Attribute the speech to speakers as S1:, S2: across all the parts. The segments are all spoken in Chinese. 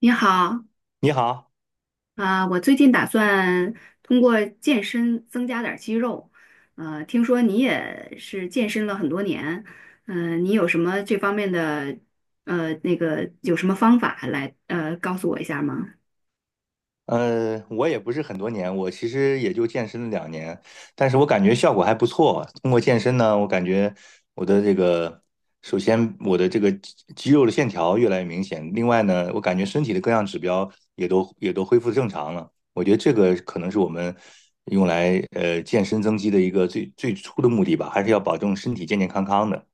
S1: 你好，
S2: 你好，
S1: 啊、我最近打算通过健身增加点儿肌肉，听说你也是健身了很多年，你有什么这方面的，那个有什么方法来，告诉我一下吗？
S2: 我也不是很多年，我其实也就健身了2年，但是我感觉效果还不错。通过健身呢，我感觉我的这个，首先我的这个肌肉的线条越来越明显，另外呢，我感觉身体的各项指标也都恢复正常了。我觉得这个可能是我们用来健身增肌的一个最初的目的吧，还是要保证身体健健康康的。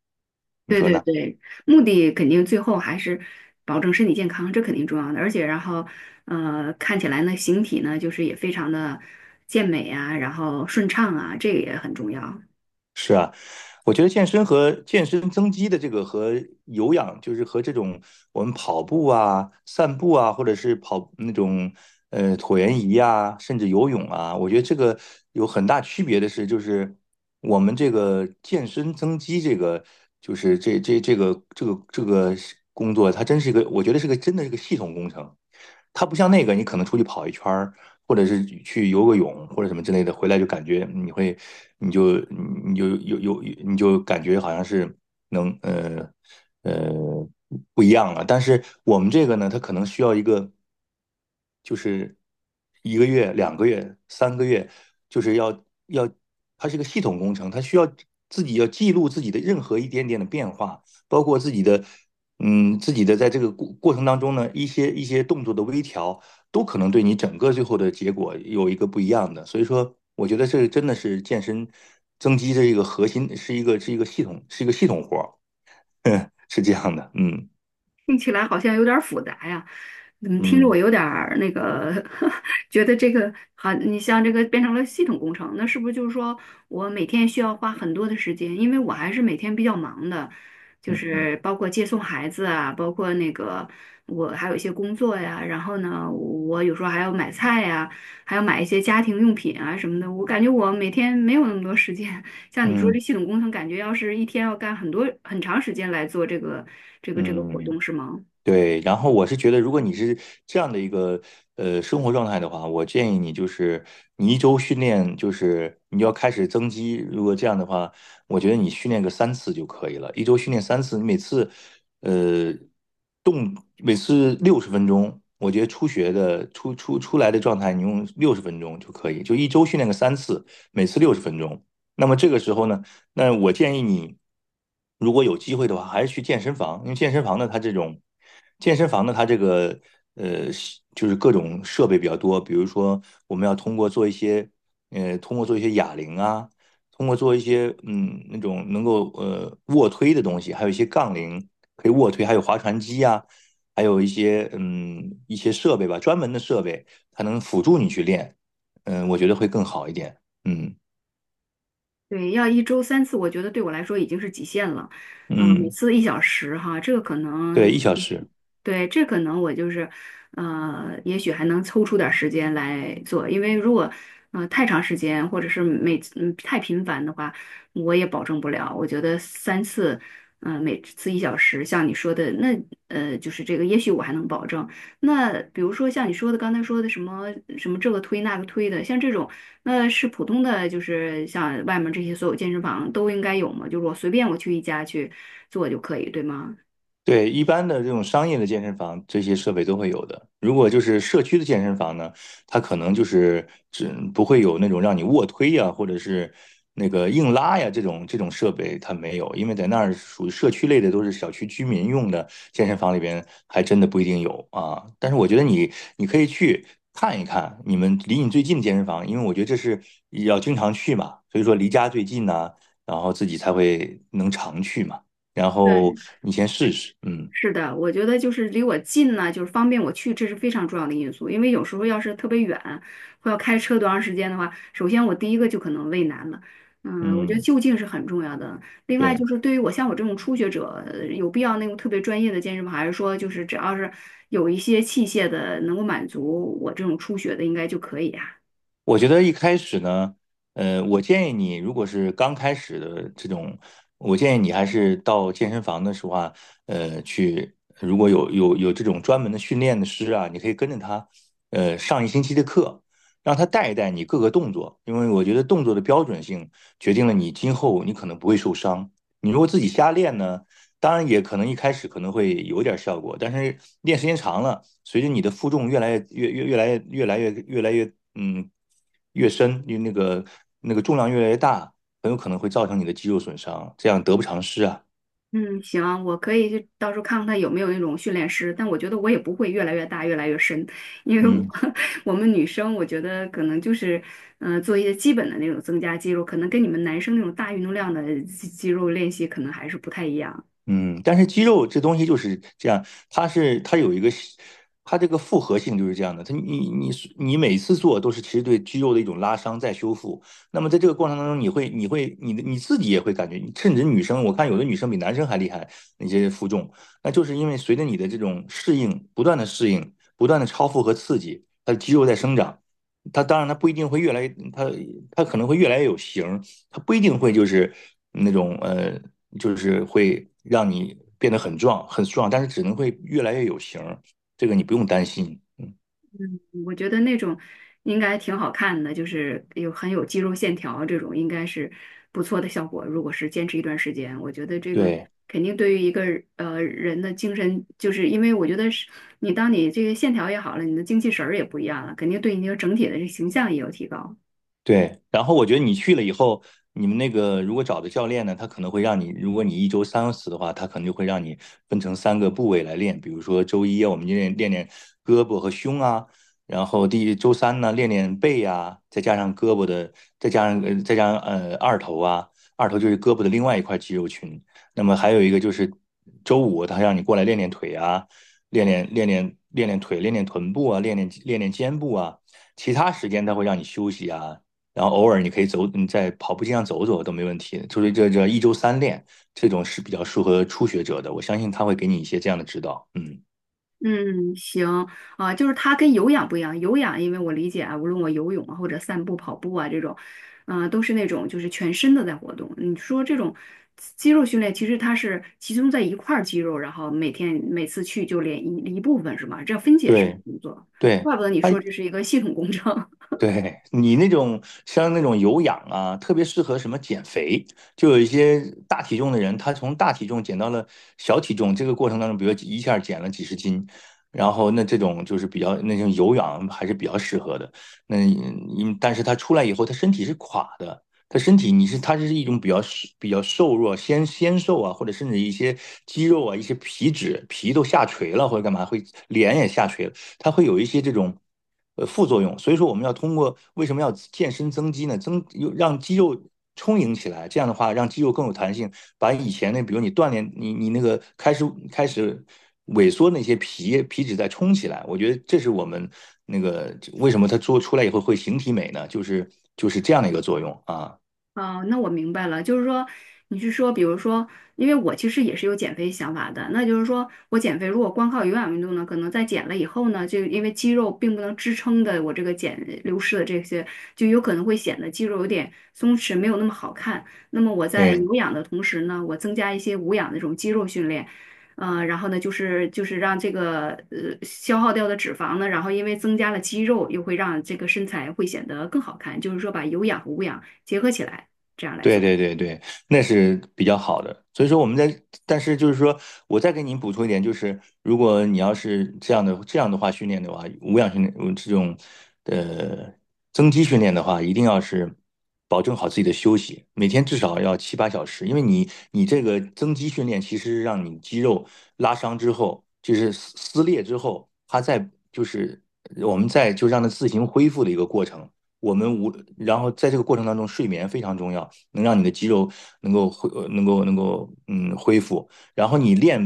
S2: 你
S1: 对
S2: 说
S1: 对
S2: 呢？
S1: 对，目的肯定最后还是保证身体健康，这肯定重要的，而且然后，看起来呢，形体呢，就是也非常的健美啊，然后顺畅啊，这个也很重要。
S2: 是，我觉得健身和健身增肌的这个和有氧，就是和这种我们跑步啊、散步啊，或者是跑那种椭圆仪啊，甚至游泳啊，我觉得这个有很大区别的是，就是我们这个健身增肌这个，就是这个工作，它真是一个，我觉得真的是个系统工程。它不像那个，你可能出去跑一圈儿，或者是去游个泳或者什么之类的，回来就感觉你会，你就感觉好像是能呃呃不一样了。但是我们这个呢，它可能需要一个，就是1个月、2个月、3个月，就是要，它是个系统工程，它需要自己要记录自己的任何一点点的变化，包括自己的。自己的在这个过程当中呢，一些动作的微调，都可能对你整个最后的结果有一个不一样的。所以说，我觉得这真的是健身增肌的一个核心，是一个系统，是一个系统活儿，是这样的。嗯
S1: 听起来好像有点儿复杂呀，怎么听着我
S2: 嗯
S1: 有点儿那个，觉得这个好，你像这个变成了系统工程，那是不是就是说我每天需要花很多的时间？因为我还是每天比较忙的，就
S2: 嗯
S1: 是包括接送孩子啊，包括那个我还有一些工作呀，然后呢，我有时候还要买菜呀，还要买一些家庭用品啊什么的，我感觉我每天没有那么多时间，像你说这
S2: 嗯
S1: 系统工程，感觉要是一天要干很多很长时间来做这个
S2: 嗯
S1: 活
S2: 嗯。
S1: 动，是吗？
S2: 对，然后我是觉得，如果你是这样的一个生活状态的话，我建议你就是，你一周训练，就是你要开始增肌。如果这样的话，我觉得你训练个三次就可以了，1周训练3次，你呃每次六十分钟，我觉得初学的出来的状态，你用六十分钟就可以，就1周训练个3次，每次六十分钟。那么这个时候呢？那我建议你，如果有机会的话，还是去健身房，因为健身房呢，它这种健身房呢，它这个呃，就是各种设备比较多，比如说我们要通过做一些哑铃啊，通过做一些那种能够卧推的东西，还有一些杠铃可以卧推，还有划船机啊，还有一些设备吧，专门的设备，它能辅助你去练，我觉得会更好一点，嗯
S1: 对，要一周三次，我觉得对我来说已经是极限了。每
S2: 嗯。
S1: 次一小时哈，这个可
S2: 对，
S1: 能，
S2: 1小时。
S1: 对，这可能我就是，也许还能抽出点儿时间来做，因为如果，太长时间或者是每次太频繁的话，我也保证不了。我觉得三次，每次一小时，像你说的，那就是这个，也许我还能保证。那比如说像你说的，刚才说的什么什么这个推那个推的，像这种。那是普通的，就是像外面这些所有健身房都应该有吗？就是我随便我去一家去做就可以，对吗？
S2: 对，一般的这种商业的健身房，这些设备都会有的。如果就是社区的健身房呢，它可能就是只不会有那种让你卧推呀，或者是那个硬拉呀这种设备，它没有，因为在那儿属于社区类的，都是小区居民用的健身房里边，还真的不一定有啊。但是我觉得你可以去看一看你们离你最近的健身房，因为我觉得这是要经常去嘛，所以说离家最近呢，然后自己才会能常去嘛。然后
S1: 对，
S2: 你先试试，嗯
S1: 是的，我觉得就是离我近呢，就是方便我去，这是非常重要的因素。因为有时候要是特别远，或要开车多长时间的话，首先我第一个就可能畏难了。我觉得
S2: 嗯。
S1: 就近是很重要的。另外
S2: 对，
S1: 就是对于我像我这种初学者，有必要那种特别专业的健身房，还是说就是只要是有一些器械的能够满足我这种初学的，应该就可以啊？
S2: 我觉得一开始呢，我建议你，如果是刚开始的这种，我建议你还是到健身房的时候啊，去，如果有这种专门的训练的师啊，你可以跟着他，上1星期的课。让他带一带你各个动作，因为我觉得动作的标准性决定了你今后你可能不会受伤。你如果自己瞎练呢，当然也可能一开始可能会有点效果，但是练时间长了，随着你的负重越来越深，因为那个重量越来越大，很有可能会造成你的肌肉损伤，这样得不偿失啊。
S1: 嗯，行，我可以去到时候看看他有没有那种训练师，但我觉得我也不会越来越大、越来越深，因为我
S2: 嗯。
S1: 我们女生，我觉得可能就是，做一些基本的那种增加肌肉，可能跟你们男生那种大运动量的肌肉练习可能还是不太一样。
S2: 嗯，但是肌肉这东西就是这样，它是它有一个它这个复合性就是这样的。它你你你每次做都是其实对肌肉的一种拉伤再修复。那么在这个过程当中，你自己也会感觉，甚至女生，我看有的女生比男生还厉害，那些负重，那就是因为随着你的这种适应，不断的适应，不断的超负荷刺激，它的肌肉在生长。它当然，它不一定会越来越，它它可能会越来越有型儿，它不一定会就是那种就是会让你变得很壮很壮，但是只能会越来越有型儿，这个你不用担心。嗯。
S1: 我觉得那种应该挺好看的，就是有很有肌肉线条这种，应该是不错的效果。如果是坚持一段时间，我觉得这个
S2: 对。
S1: 肯定对于一个人的精神，就是因为我觉得是你当你这个线条也好了，你的精气神儿也不一样了，肯定对你这个整体的这形象也有提高。
S2: 对，然后我觉得你去了以后，你们那个如果找的教练呢，他可能会让你，如果你1周3次的话，他可能就会让你分成三个部位来练，比如说周一啊我们就练胳膊和胸啊，然后周三呢练练背啊，再加上胳膊的，再加上二头啊，二头就是胳膊的另外一块肌肉群，那么还有一个就是周五他让你过来练练腿啊，练腿，练练臀部啊，练肩部啊。其他时间他会让你休息啊，然后偶尔你可以走，你在跑步机上走走都没问题。就是这一周三练这种是比较适合初学者的，我相信他会给你一些这样的指导。嗯。
S1: 嗯，行啊，就是它跟有氧不一样。有氧，因为我理解啊，无论我游泳啊，或者散步、跑步啊这种，都是那种就是全身的在活动。你说这种肌肉训练，其实它是集中在一块儿肌肉，然后每天每次去就练一部分是吗？这样分解式
S2: 对
S1: 工作，
S2: 对，
S1: 怪不得你
S2: 他，
S1: 说这是一个系统工程。
S2: 对你那种像那种有氧啊，特别适合什么减肥，就有一些大体重的人，他从大体重减到了小体重，这个过程当中，比如一下减了几十斤，然后那这种就是比较，那种有氧还是比较适合的。那你，但是他出来以后，他身体是垮的，他身体你是他是一种比较瘦弱，纤纤瘦啊，或者甚至一些肌肉啊、一些皮脂皮都下垂了，或者干嘛会脸也下垂了。它会有一些这种副作用。所以说，我们要通过，为什么要健身增肌呢？增又让肌肉充盈起来，这样的话让肌肉更有弹性，把以前那比如你锻炼你那个开始萎缩那些皮脂再充起来。我觉得这是我们那个为什么它做出来以后会形体美呢？就是这样的一个作用啊。
S1: 哦，那我明白了，就是说，你是说，比如说，因为我其实也是有减肥想法的，那就是说我减肥如果光靠有氧运动呢，可能在减了以后呢，就因为肌肉并不能支撑的我这个减流失的这些，就有可能会显得肌肉有点松弛，没有那么好看。那么我在
S2: 对。
S1: 有氧的同时呢，我增加一些无氧的这种肌肉训练。然后呢，就是让这个消耗掉的脂肪呢，然后因为增加了肌肉，又会让这个身材会显得更好看，就是说把有氧和无氧结合起来。这样来
S2: 对
S1: 做。
S2: 对对对，那是比较好的。所以说我们在，但是就是说，我再给您补充一点，就是如果你要是这样的话训练的话，无氧训练，这种呃增肌训练的话，一定要是保证好自己的休息，每天至少要7-8小时，因为你这个增肌训练其实让你肌肉拉伤之后，就是撕裂之后，它在，就是我们在就让它自行恢复的一个过程。我们无，然后在这个过程当中，睡眠非常重要。能让你的肌肉能够恢，呃能够能够嗯恢复。然后你练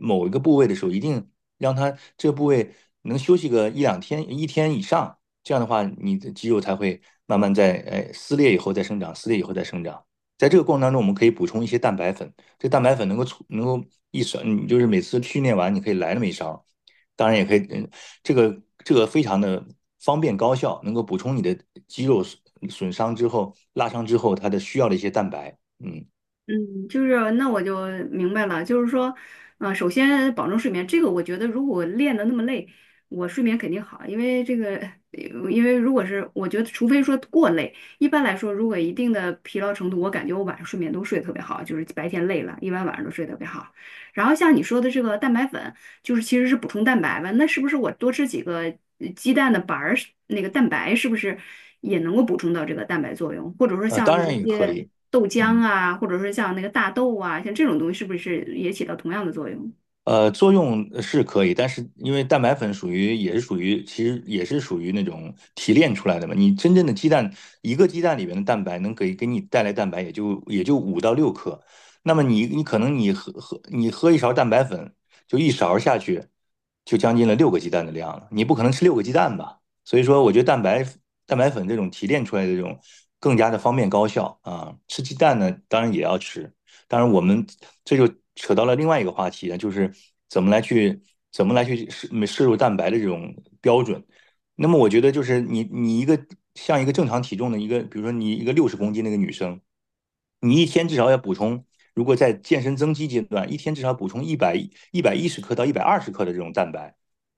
S2: 某一个部位的时候，一定让它这个部位能休息个1-2天、一天以上，这样的话，你的肌肉才会慢慢，撕裂以后再生长，撕裂以后再生长。在这个过程当中，我们可以补充一些蛋白粉，这蛋白粉能够，一勺，你就是每次训练完你可以来那么一勺，当然也可以。嗯，这个非常的方便高效，能够补充你的肌肉损伤之后、拉伤之后它的需要的一些蛋白，嗯，
S1: 嗯，就是那我就明白了，就是说，首先保证睡眠，这个我觉得如果练的那么累，我睡眠肯定好，因为这个，因为如果是我觉得，除非说过累，一般来说，如果一定的疲劳程度，我感觉我晚上睡眠都睡得特别好，就是白天累了，一般晚上都睡得特别好。然后像你说的这个蛋白粉。就是其实是补充蛋白吧。那是不是我多吃几个鸡蛋的白儿，那个蛋白是不是也能够补充到这个蛋白作用？或者说
S2: 呃，
S1: 像
S2: 当然
S1: 一
S2: 也可
S1: 些
S2: 以。
S1: 豆浆
S2: 嗯。
S1: 啊，或者说像那个大豆啊，像这种东西，是不是也起到同样的作用？
S2: 作用是可以，但是因为蛋白粉属于也是属于，其实也是属于那种提炼出来的嘛。你真正的鸡蛋，一个鸡蛋里面的蛋白能给你带来蛋白，也就5-6克。那么你你可能你喝喝你喝一勺蛋白粉，就一勺下去，就将近了六个鸡蛋的量了。你不可能吃六个鸡蛋吧？所以说，我觉得蛋白粉这种提炼出来的这种更加的方便高效啊。吃鸡蛋呢，当然也要吃，当然，我们这就扯到了另外一个话题，就是怎么来去怎么来去摄入蛋白的这种标准。那么我觉得就是你你一个像一个正常体重的一个，比如说你一个60公斤那个女生，你一天至少要补充，如果在健身增肌阶段，一天至少补充110克到120克的这种蛋白，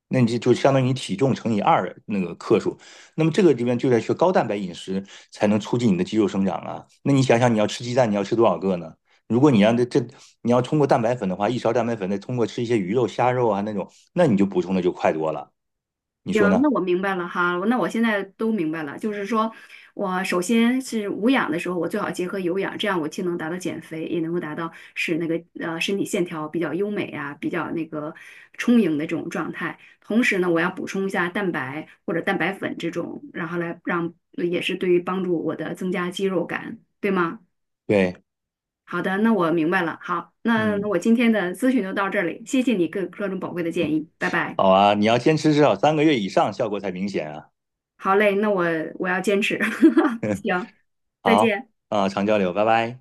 S2: 那你就相当于你体重乘以二那个克数。那么这个里面就在学高蛋白饮食，才能促进你的肌肉生长啊。那你想想你要吃鸡蛋，你要吃多少个呢？如果你让你要通过蛋白粉的话，一勺蛋白粉再通过吃一些鱼肉、虾肉啊那种，那你就补充的就快多了，你
S1: 行，
S2: 说呢？
S1: 那我明白了哈，那我现在都明白了，就是说我首先是无氧的时候，我最好结合有氧，这样我既能达到减肥，也能够达到使那个身体线条比较优美啊，比较那个充盈的这种状态。同时呢，我要补充一下蛋白或者蛋白粉这种，然后来让也是对于帮助我的增加肌肉感，对吗？
S2: 对。
S1: 好的，那我明白了。好，那
S2: 嗯，
S1: 我今天的咨询就到这里，谢谢你各种宝贵的建议，拜拜。
S2: 好啊，你要坚持至少三个月以上，效果才明显啊。
S1: 好嘞，那我要坚持。行，再
S2: 好
S1: 见。
S2: 啊，常交流，拜拜。